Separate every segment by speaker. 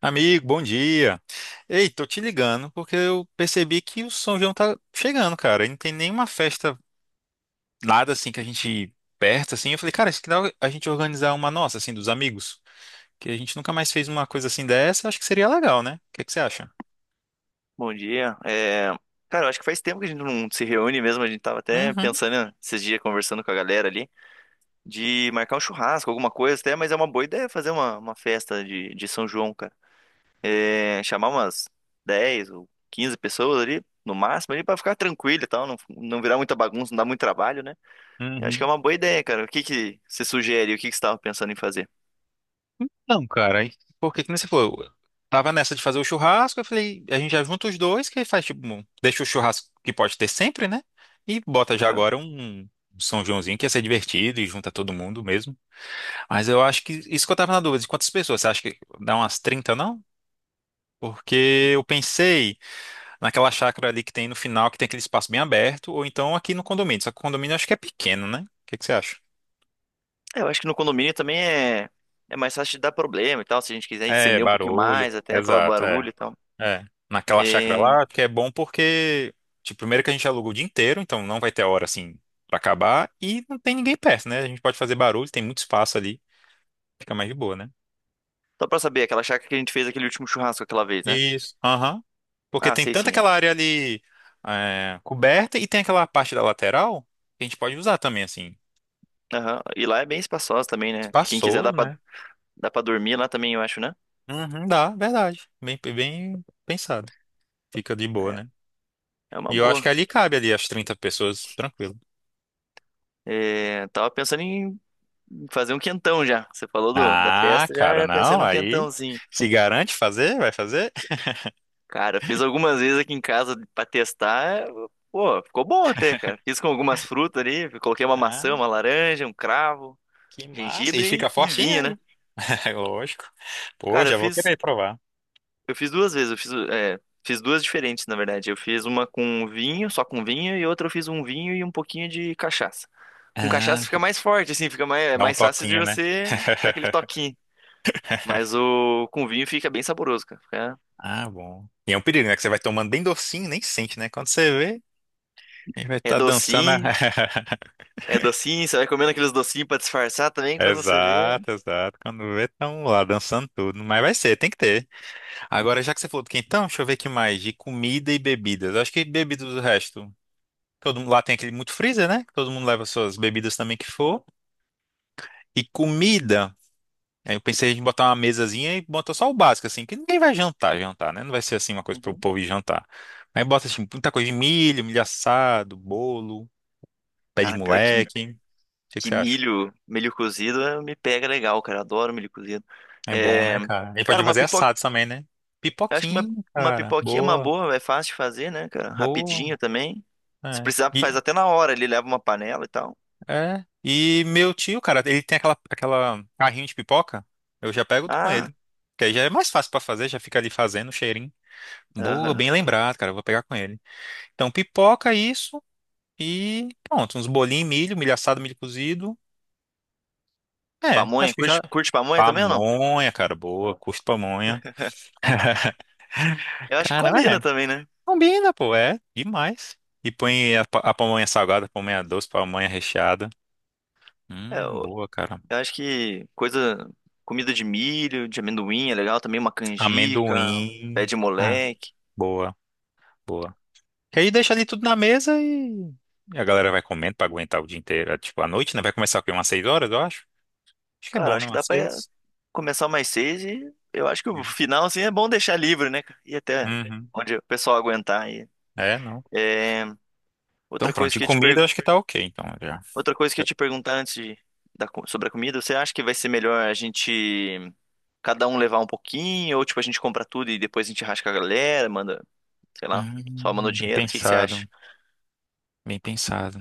Speaker 1: Amigo, bom dia. Ei, tô te ligando porque eu percebi que o São João tá chegando, cara. E não tem nenhuma festa, nada assim que a gente perto assim. Eu falei, cara, acho que dá a gente organizar uma nossa assim dos amigos, que a gente nunca mais fez uma coisa assim dessa. Acho que seria legal, né? O que que você acha?
Speaker 2: Bom dia. Cara, eu acho que faz tempo que a gente não se reúne mesmo. A gente tava até
Speaker 1: Uhum,
Speaker 2: pensando, né, esses dias, conversando com a galera ali, de marcar um churrasco, alguma coisa até, mas é uma boa ideia fazer uma festa de São João, cara. Chamar umas 10 ou 15 pessoas ali, no máximo, ali, pra ficar tranquilo e tal, não virar muita bagunça, não dar muito trabalho, né? Eu acho que é
Speaker 1: uhum.
Speaker 2: uma boa ideia, cara. O que que você sugere? O que que você tava pensando em fazer?
Speaker 1: Não, cara, porque que nem você falou, eu tava nessa de fazer o churrasco, eu falei, a gente já junta os dois, que aí faz tipo, deixa o churrasco que pode ter sempre, né? E bota já
Speaker 2: Aham.
Speaker 1: agora um São Joãozinho que ia ser divertido e junta todo mundo mesmo. Mas eu acho que isso que eu tava na dúvida, de quantas pessoas? Você acha que dá umas 30 não? Porque eu pensei naquela chácara ali que tem no final, que tem aquele espaço bem aberto, ou então aqui no condomínio. Só que o condomínio eu acho que é pequeno, né? O que que você acha?
Speaker 2: Eu acho que no condomínio também é. É mais fácil de dar problema e tal, se a gente quiser
Speaker 1: É,
Speaker 2: estender um pouquinho
Speaker 1: barulho.
Speaker 2: mais, até pelo
Speaker 1: Exato, é.
Speaker 2: barulho e tal.
Speaker 1: É. Naquela chácara
Speaker 2: E...
Speaker 1: lá, que é bom porque, tipo, primeiro que a gente aluga o dia inteiro, então não vai ter hora assim pra acabar, e não tem ninguém perto, né? A gente pode fazer barulho, tem muito espaço ali, fica mais de boa, né?
Speaker 2: Só pra saber, aquela chácara que a gente fez aquele último churrasco aquela vez, né?
Speaker 1: Isso. Aham. Porque
Speaker 2: Ah,
Speaker 1: tem
Speaker 2: sei
Speaker 1: tanto
Speaker 2: sim. É.
Speaker 1: aquela área ali é, coberta e tem aquela parte da lateral que a gente pode usar também, assim.
Speaker 2: Aham. E lá é bem espaçosa também, né? Quem quiser
Speaker 1: Espaçoso,
Speaker 2: dá pra,
Speaker 1: né?
Speaker 2: dá pra dormir lá também, eu acho, né?
Speaker 1: Uhum, dá, verdade. Bem, bem pensado. Fica de boa,
Speaker 2: É,
Speaker 1: né?
Speaker 2: é uma
Speaker 1: E eu acho
Speaker 2: boa.
Speaker 1: que ali cabe ali as 30 pessoas, tranquilo.
Speaker 2: É, tava pensando em fazer um quentão já. Você falou da
Speaker 1: Ah,
Speaker 2: festa,
Speaker 1: cara,
Speaker 2: já pensei
Speaker 1: não,
Speaker 2: num
Speaker 1: aí
Speaker 2: quentãozinho.
Speaker 1: se garante fazer, vai fazer.
Speaker 2: Cara, fiz algumas vezes aqui em casa pra testar. Pô, ficou bom até, cara. Fiz com algumas frutas ali, coloquei uma maçã,
Speaker 1: Ah,
Speaker 2: uma laranja, um cravo,
Speaker 1: que massa. E
Speaker 2: gengibre
Speaker 1: fica
Speaker 2: e
Speaker 1: fortinho
Speaker 2: vinho, né?
Speaker 1: aí. Lógico. Pô,
Speaker 2: Cara, eu
Speaker 1: já vou
Speaker 2: fiz
Speaker 1: querer provar.
Speaker 2: Eu fiz duas vezes, fiz duas diferentes, na verdade. Eu fiz uma com vinho, só com vinho, e outra eu fiz um vinho e um pouquinho de cachaça. Com cachaça
Speaker 1: Ah,
Speaker 2: fica mais forte, assim, é
Speaker 1: dá um
Speaker 2: mais fácil de
Speaker 1: toquinho, né?
Speaker 2: você dar aquele toquinho. Mas o com vinho fica bem saboroso, cara.
Speaker 1: Ah, bom. E é um perigo, né? Que você vai tomando bem docinho, e nem sente, né? Quando você vê, a gente vai
Speaker 2: É
Speaker 1: estar dançando.
Speaker 2: docinho, É docinho, você vai comendo aqueles docinhos pra disfarçar também quando você vê.
Speaker 1: Exato, exato. Quando vê, estão lá dançando tudo. Mas vai ser, tem que ter. Agora, já que você falou do quentão, deixa eu ver o que mais. De comida e bebidas. Eu acho que bebidas do resto. Todo mundo lá tem aquele muito freezer, né? Que todo mundo leva suas bebidas também que for. E comida. Aí eu pensei em botar uma mesazinha e botar só o básico, assim, que ninguém vai jantar, jantar, né? Não vai ser assim uma coisa para o
Speaker 2: Uhum.
Speaker 1: povo ir jantar. Aí bota assim, muita coisa de milho, milho assado, bolo. Pé de
Speaker 2: Cara, pior que,
Speaker 1: moleque. O que que
Speaker 2: que
Speaker 1: você acha?
Speaker 2: milho cozido me pega legal, cara. Adoro milho cozido.
Speaker 1: É bom,
Speaker 2: É,
Speaker 1: né, cara? Ele pode
Speaker 2: cara, uma
Speaker 1: fazer
Speaker 2: pipoca.
Speaker 1: assado também, né?
Speaker 2: Eu acho que uma,
Speaker 1: Pipoquinha,
Speaker 2: uma
Speaker 1: cara.
Speaker 2: pipoquinha é uma
Speaker 1: Boa,
Speaker 2: boa, é fácil de fazer, né, cara?
Speaker 1: boa.
Speaker 2: Rapidinho também. Se
Speaker 1: É.
Speaker 2: precisar, faz
Speaker 1: E,
Speaker 2: até na hora, ele leva uma panela e tal.
Speaker 1: é. E meu tio, cara, ele tem aquela carrinho de pipoca. Eu já pego com
Speaker 2: Ah,
Speaker 1: ele. Que aí já é mais fácil pra fazer, já fica ali fazendo o cheirinho. Boa,
Speaker 2: aham.
Speaker 1: bem lembrado, cara. Eu vou pegar com ele. Então, pipoca, isso. E pronto, uns bolinhos, milho, milho assado, milho cozido. É, acho
Speaker 2: Pamonha,
Speaker 1: que já.
Speaker 2: curte pamonha também ou não?
Speaker 1: Pamonha, cara, boa. Curto pamonha.
Speaker 2: Eu acho que
Speaker 1: Cara, é.
Speaker 2: combina também, né?
Speaker 1: Combina, pô, é demais. E põe a pamonha salgada, pamonha doce, pamonha recheada.
Speaker 2: É, eu,
Speaker 1: Boa, cara.
Speaker 2: eu acho que comida de milho, de amendoim é legal também, uma canjica, pé
Speaker 1: Amendoim.
Speaker 2: de
Speaker 1: Ah,
Speaker 2: moleque.
Speaker 1: boa, boa. Que aí deixa ali tudo na mesa e a galera vai comendo pra aguentar o dia inteiro. É, tipo, à noite, né? Vai começar o quê? Umas 6 horas, eu acho. Acho que é
Speaker 2: Cara, eu
Speaker 1: bom,
Speaker 2: acho
Speaker 1: né?
Speaker 2: que dá
Speaker 1: Umas
Speaker 2: pra
Speaker 1: seis.
Speaker 2: começar mais seis e eu acho que o final, assim, é bom deixar livre, né, cara? E até
Speaker 1: Uhum.
Speaker 2: onde o pessoal aguentar aí.
Speaker 1: É, não.
Speaker 2: É,
Speaker 1: Então,
Speaker 2: outra
Speaker 1: pronto.
Speaker 2: coisa
Speaker 1: De
Speaker 2: que eu ia te
Speaker 1: comida, eu
Speaker 2: perguntar.
Speaker 1: acho que tá ok, então, já.
Speaker 2: Outra coisa que eu ia te perguntar antes de, da co- sobre a comida, você acha que vai ser melhor a gente cada um levar um pouquinho, ou tipo, a gente compra tudo e depois a gente rasga a galera, manda, sei lá, só manda o
Speaker 1: Bem
Speaker 2: dinheiro? O que que você acha?
Speaker 1: pensado. Bem pensado.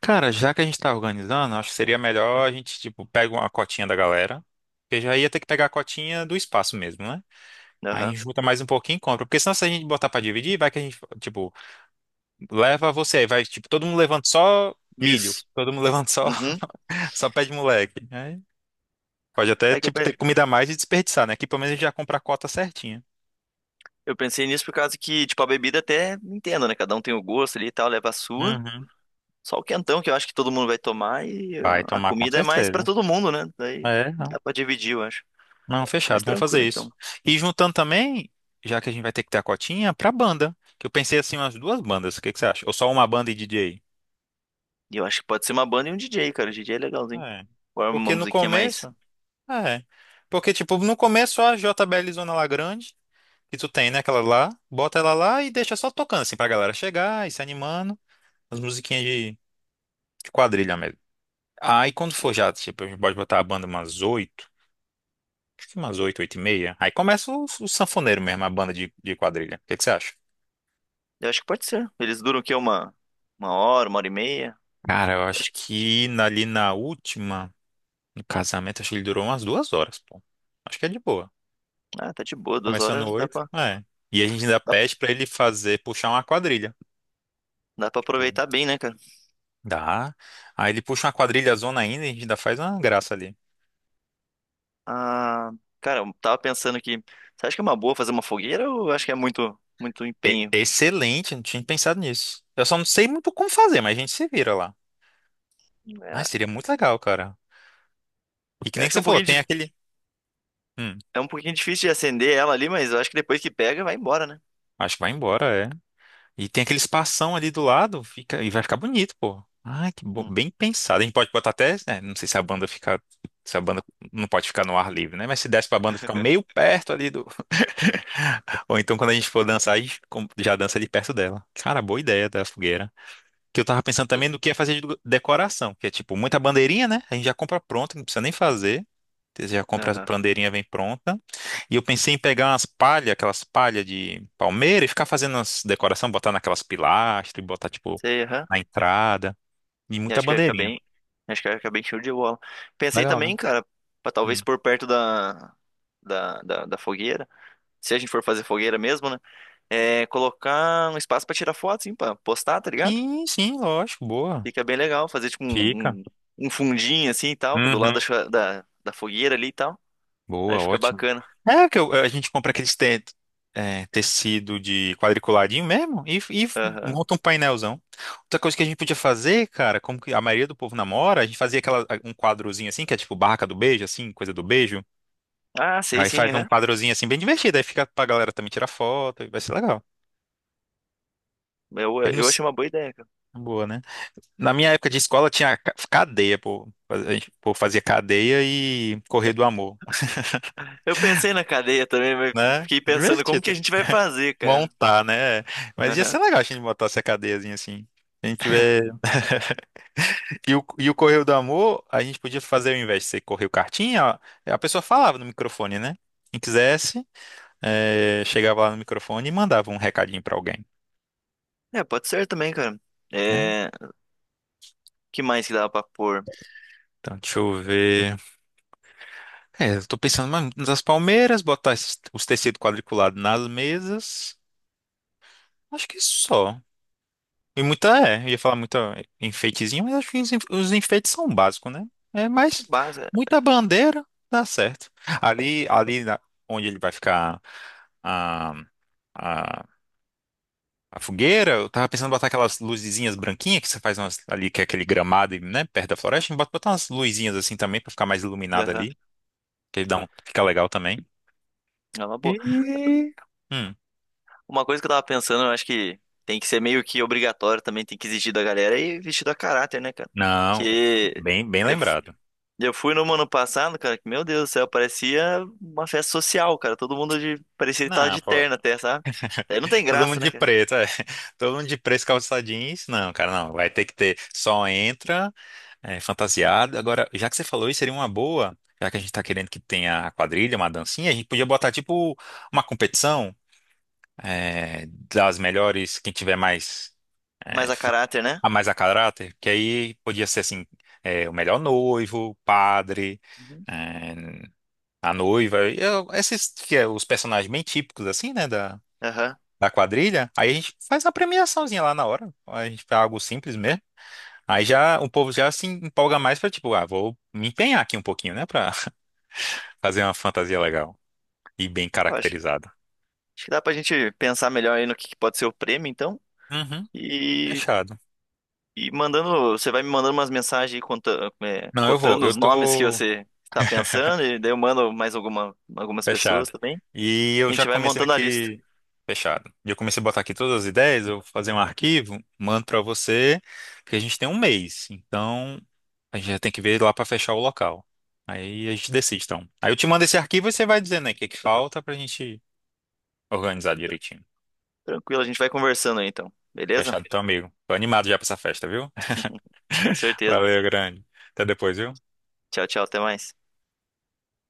Speaker 1: Cara, já que a gente tá organizando, acho que seria melhor a gente, tipo, pega uma cotinha da galera. Porque já ia ter que pegar a cotinha do espaço mesmo, né? Aí a
Speaker 2: Aham.
Speaker 1: gente junta mais um pouquinho e compra. Porque senão se a gente botar pra dividir, vai que a gente, tipo, leva você. Aí vai, tipo, todo mundo levando só milho.
Speaker 2: Isso.
Speaker 1: Todo mundo levando só,
Speaker 2: Uhum.
Speaker 1: só pé de moleque. Aí pode até,
Speaker 2: É que eu,
Speaker 1: tipo,
Speaker 2: pe-
Speaker 1: ter comida a mais e desperdiçar, né? Aqui pelo menos a gente já compra a cota certinha.
Speaker 2: eu pensei nisso por causa que, tipo, a bebida até entendo, né? Cada um tem o gosto ali e tal, leva a sua.
Speaker 1: Uhum.
Speaker 2: Só o quentão que eu acho que todo mundo vai tomar e
Speaker 1: Vai
Speaker 2: a
Speaker 1: tomar com
Speaker 2: comida é mais pra
Speaker 1: certeza.
Speaker 2: todo mundo, né? Daí
Speaker 1: É,
Speaker 2: dá
Speaker 1: não.
Speaker 2: pra dividir, eu acho.
Speaker 1: Não,
Speaker 2: Mas
Speaker 1: fechado, vamos
Speaker 2: tranquilo,
Speaker 1: fazer isso.
Speaker 2: então.
Speaker 1: E juntando também, já que a gente vai ter que ter a cotinha, pra banda. Que eu pensei assim, umas duas bandas, o que que você acha? Ou só uma banda e DJ?
Speaker 2: E eu acho que pode ser uma banda e um DJ, cara. O DJ é legalzinho.
Speaker 1: É.
Speaker 2: Agora uma
Speaker 1: Porque no
Speaker 2: musiquinha mais.
Speaker 1: começo. É. Porque, tipo, no começo só a JBL Zona lá grande, que tu tem, né? Aquela lá, bota ela lá e deixa só tocando, assim, pra galera chegar e se animando. As musiquinhas de quadrilha mesmo. Aí quando for já, tipo, a gente pode botar a banda umas oito, acho que umas oito, oito e meia. Aí começa o sanfoneiro mesmo, a banda de quadrilha. O que que você acha?
Speaker 2: Eu acho que pode ser. Eles duram o quê? Uma hora, uma hora e meia?
Speaker 1: Cara, eu acho
Speaker 2: Acho que,
Speaker 1: que ali na última, no casamento, acho que ele durou umas 2 horas, pô. Acho que é de boa.
Speaker 2: ah, tá de boa. Duas
Speaker 1: Começando
Speaker 2: horas
Speaker 1: oito, é. E a gente ainda
Speaker 2: dá,
Speaker 1: pede pra ele fazer, puxar uma quadrilha.
Speaker 2: dá pra
Speaker 1: Tipo,
Speaker 2: aproveitar bem, né, cara?
Speaker 1: dá. Aí ele puxa uma quadrilha zona ainda e a gente ainda faz uma graça ali.
Speaker 2: Ah, cara, eu tava pensando que. Você acha que é uma boa fazer uma fogueira ou acho que é muito, muito
Speaker 1: É
Speaker 2: empenho?
Speaker 1: excelente, não tinha pensado nisso. Eu só não sei muito como fazer, mas a gente se vira lá.
Speaker 2: É,
Speaker 1: Mas seria muito legal, cara. E que
Speaker 2: eu
Speaker 1: nem
Speaker 2: acho
Speaker 1: que
Speaker 2: que é
Speaker 1: você
Speaker 2: um
Speaker 1: falou,
Speaker 2: pouquinho,
Speaker 1: tem
Speaker 2: dif-
Speaker 1: aquele. Hum,
Speaker 2: é um pouquinho difícil de acender ela ali, mas eu acho que depois que pega, vai embora, né?
Speaker 1: acho que vai embora, é. E tem aquele espação ali do lado, fica e vai ficar bonito, pô. Ah, que bom,
Speaker 2: Hum,
Speaker 1: bem pensado. A gente pode botar até, né, não sei se a banda não pode ficar no ar livre, né? Mas se desse pra banda ficar meio perto ali do, ou então quando a gente for dançar, a gente já dança ali perto dela. Cara, boa ideia da fogueira que eu tava pensando
Speaker 2: fica-
Speaker 1: também no que ia fazer de decoração, que é tipo muita bandeirinha, né? A gente já compra pronta, não precisa nem fazer. Você já compra a
Speaker 2: aham.
Speaker 1: bandeirinha, vem pronta. E eu pensei em pegar umas palhas, aquelas palhas de palmeira e ficar fazendo as decoração, botar naquelas pilastras e botar tipo
Speaker 2: Sei, aham.
Speaker 1: na entrada. E
Speaker 2: E
Speaker 1: muita
Speaker 2: acho que vai ficar
Speaker 1: bandeirinha.
Speaker 2: bem. Acho que vai ficar bem show de bola. Pensei
Speaker 1: Legal, né?
Speaker 2: também, cara, pra
Speaker 1: Hum.
Speaker 2: talvez pôr perto da fogueira. Se a gente for fazer fogueira mesmo, né? É, colocar um espaço pra tirar foto, assim, pra postar, tá ligado?
Speaker 1: Sim, sim, lógico, boa.
Speaker 2: Fica bem legal, fazer tipo
Speaker 1: Fica.
Speaker 2: um fundinho assim e tal, do lado
Speaker 1: Uhum.
Speaker 2: da fogueira ali e tal. Aí
Speaker 1: Boa,
Speaker 2: fica
Speaker 1: ótimo.
Speaker 2: bacana.
Speaker 1: É que a gente compra aqueles tecido de quadriculadinho mesmo e
Speaker 2: Aham.
Speaker 1: monta um painelzão. Outra coisa que a gente podia fazer, cara, como que a maioria do povo namora, a gente fazia aquela, um quadrozinho assim, que é tipo barraca do beijo, assim, coisa do beijo.
Speaker 2: Ah, sei
Speaker 1: Aí
Speaker 2: sim,
Speaker 1: faz um
Speaker 2: aham.
Speaker 1: quadrozinho assim bem divertido, aí fica pra galera também tirar foto, e vai ser legal.
Speaker 2: Eu,
Speaker 1: Ele não.
Speaker 2: eu achei uma boa ideia, cara.
Speaker 1: Boa, né? Na minha época de escola tinha cadeia, pô. A gente, pô, fazia cadeia e correr do amor,
Speaker 2: Eu pensei na cadeia também, mas
Speaker 1: né?
Speaker 2: fiquei
Speaker 1: É
Speaker 2: pensando como que
Speaker 1: divertido.
Speaker 2: a gente vai fazer, cara.
Speaker 1: Montar, né? Mas ia
Speaker 2: Aham.
Speaker 1: ser legal a gente botar essa cadeiazinha assim. Se a gente tiver. E o Correio do Amor, a gente podia fazer ao invés de ser Correio Cartinha, ó, a pessoa falava no microfone, né? Quem quisesse, chegava lá no microfone e mandava um recadinho pra alguém.
Speaker 2: É, pode ser também, cara.
Speaker 1: Né?
Speaker 2: É, que mais que dava pra pôr?
Speaker 1: Então, deixa eu ver. É, eu tô pensando mais nas palmeiras, botar os tecidos quadriculados nas mesas. Acho que só. E muita, eu ia falar muita enfeitezinho, mas acho que os enfeites são básicos, né? É, mas
Speaker 2: Base.
Speaker 1: muita bandeira dá certo. Ali, onde ele vai ficar a, a, a fogueira, eu tava pensando em botar aquelas luzinhas branquinhas que você faz ali, que é aquele gramado, e né, perto da floresta, botar umas luzinhas assim também pra ficar mais iluminado
Speaker 2: Aham.
Speaker 1: ali, que dá um, fica legal também.
Speaker 2: É uma boa.
Speaker 1: E. Hum,
Speaker 2: Uma coisa que eu tava pensando, eu acho que tem que ser meio que obrigatório também, tem que exigir da galera e vestido a caráter, né, cara?
Speaker 1: não,
Speaker 2: Que
Speaker 1: bem, bem
Speaker 2: eu, f-
Speaker 1: lembrado.
Speaker 2: eu fui no ano passado, cara, que meu Deus do céu, parecia uma festa social, cara. Todo mundo de, parecia que tava
Speaker 1: Não,
Speaker 2: de
Speaker 1: pô.
Speaker 2: terno até, sabe? Aí não tem
Speaker 1: Todo
Speaker 2: graça,
Speaker 1: mundo de
Speaker 2: né, cara?
Speaker 1: preto, é. Todo mundo de preto, calça jeans. Não, cara, não. Vai ter que ter. Só entra, é, fantasiado. Agora, já que você falou isso, seria uma boa. Já que a gente tá querendo que tenha a quadrilha, uma dancinha, a gente podia botar, tipo, uma competição, é, das melhores, quem tiver mais,
Speaker 2: Mas
Speaker 1: é,
Speaker 2: a caráter, né?
Speaker 1: a mais a caráter, que aí podia ser, assim, é, o melhor noivo, padre,
Speaker 2: Uhum.
Speaker 1: é, a noiva, e esses que é os personagens bem típicos, assim, né,
Speaker 2: Aham.
Speaker 1: da quadrilha, aí a gente faz uma premiaçãozinha lá na hora. A gente faz algo simples mesmo. Aí já o povo já se empolga mais pra tipo, ah, vou me empenhar aqui um pouquinho, né, pra fazer uma fantasia legal e bem
Speaker 2: Eu acho,
Speaker 1: caracterizada.
Speaker 2: acho que dá pra gente pensar melhor aí no que pode ser o prêmio, então.
Speaker 1: Uhum, fechado.
Speaker 2: E mandando, você vai me mandando umas mensagens aí
Speaker 1: Não, eu vou,
Speaker 2: cotando
Speaker 1: eu
Speaker 2: os nomes que
Speaker 1: tô
Speaker 2: você está pensando, e daí eu mando mais algumas pessoas
Speaker 1: fechado.
Speaker 2: também.
Speaker 1: E
Speaker 2: A
Speaker 1: eu já
Speaker 2: gente vai
Speaker 1: comecei
Speaker 2: montando a lista.
Speaker 1: aqui fechado. E eu comecei a botar aqui todas as ideias, eu vou fazer um arquivo, mando pra você, porque a gente tem um mês. Então, a gente já tem que ver lá para fechar o local. Aí a gente decide, então. Aí eu te mando esse arquivo e você vai dizendo aí o que que falta pra gente organizar direitinho.
Speaker 2: Tranquilo, a gente vai conversando aí então. Beleza?
Speaker 1: Fechado, então, amigo. Tô animado já pra essa festa, viu?
Speaker 2: Com certeza.
Speaker 1: Valeu, grande. Até depois, viu?
Speaker 2: Tchau, tchau, até mais.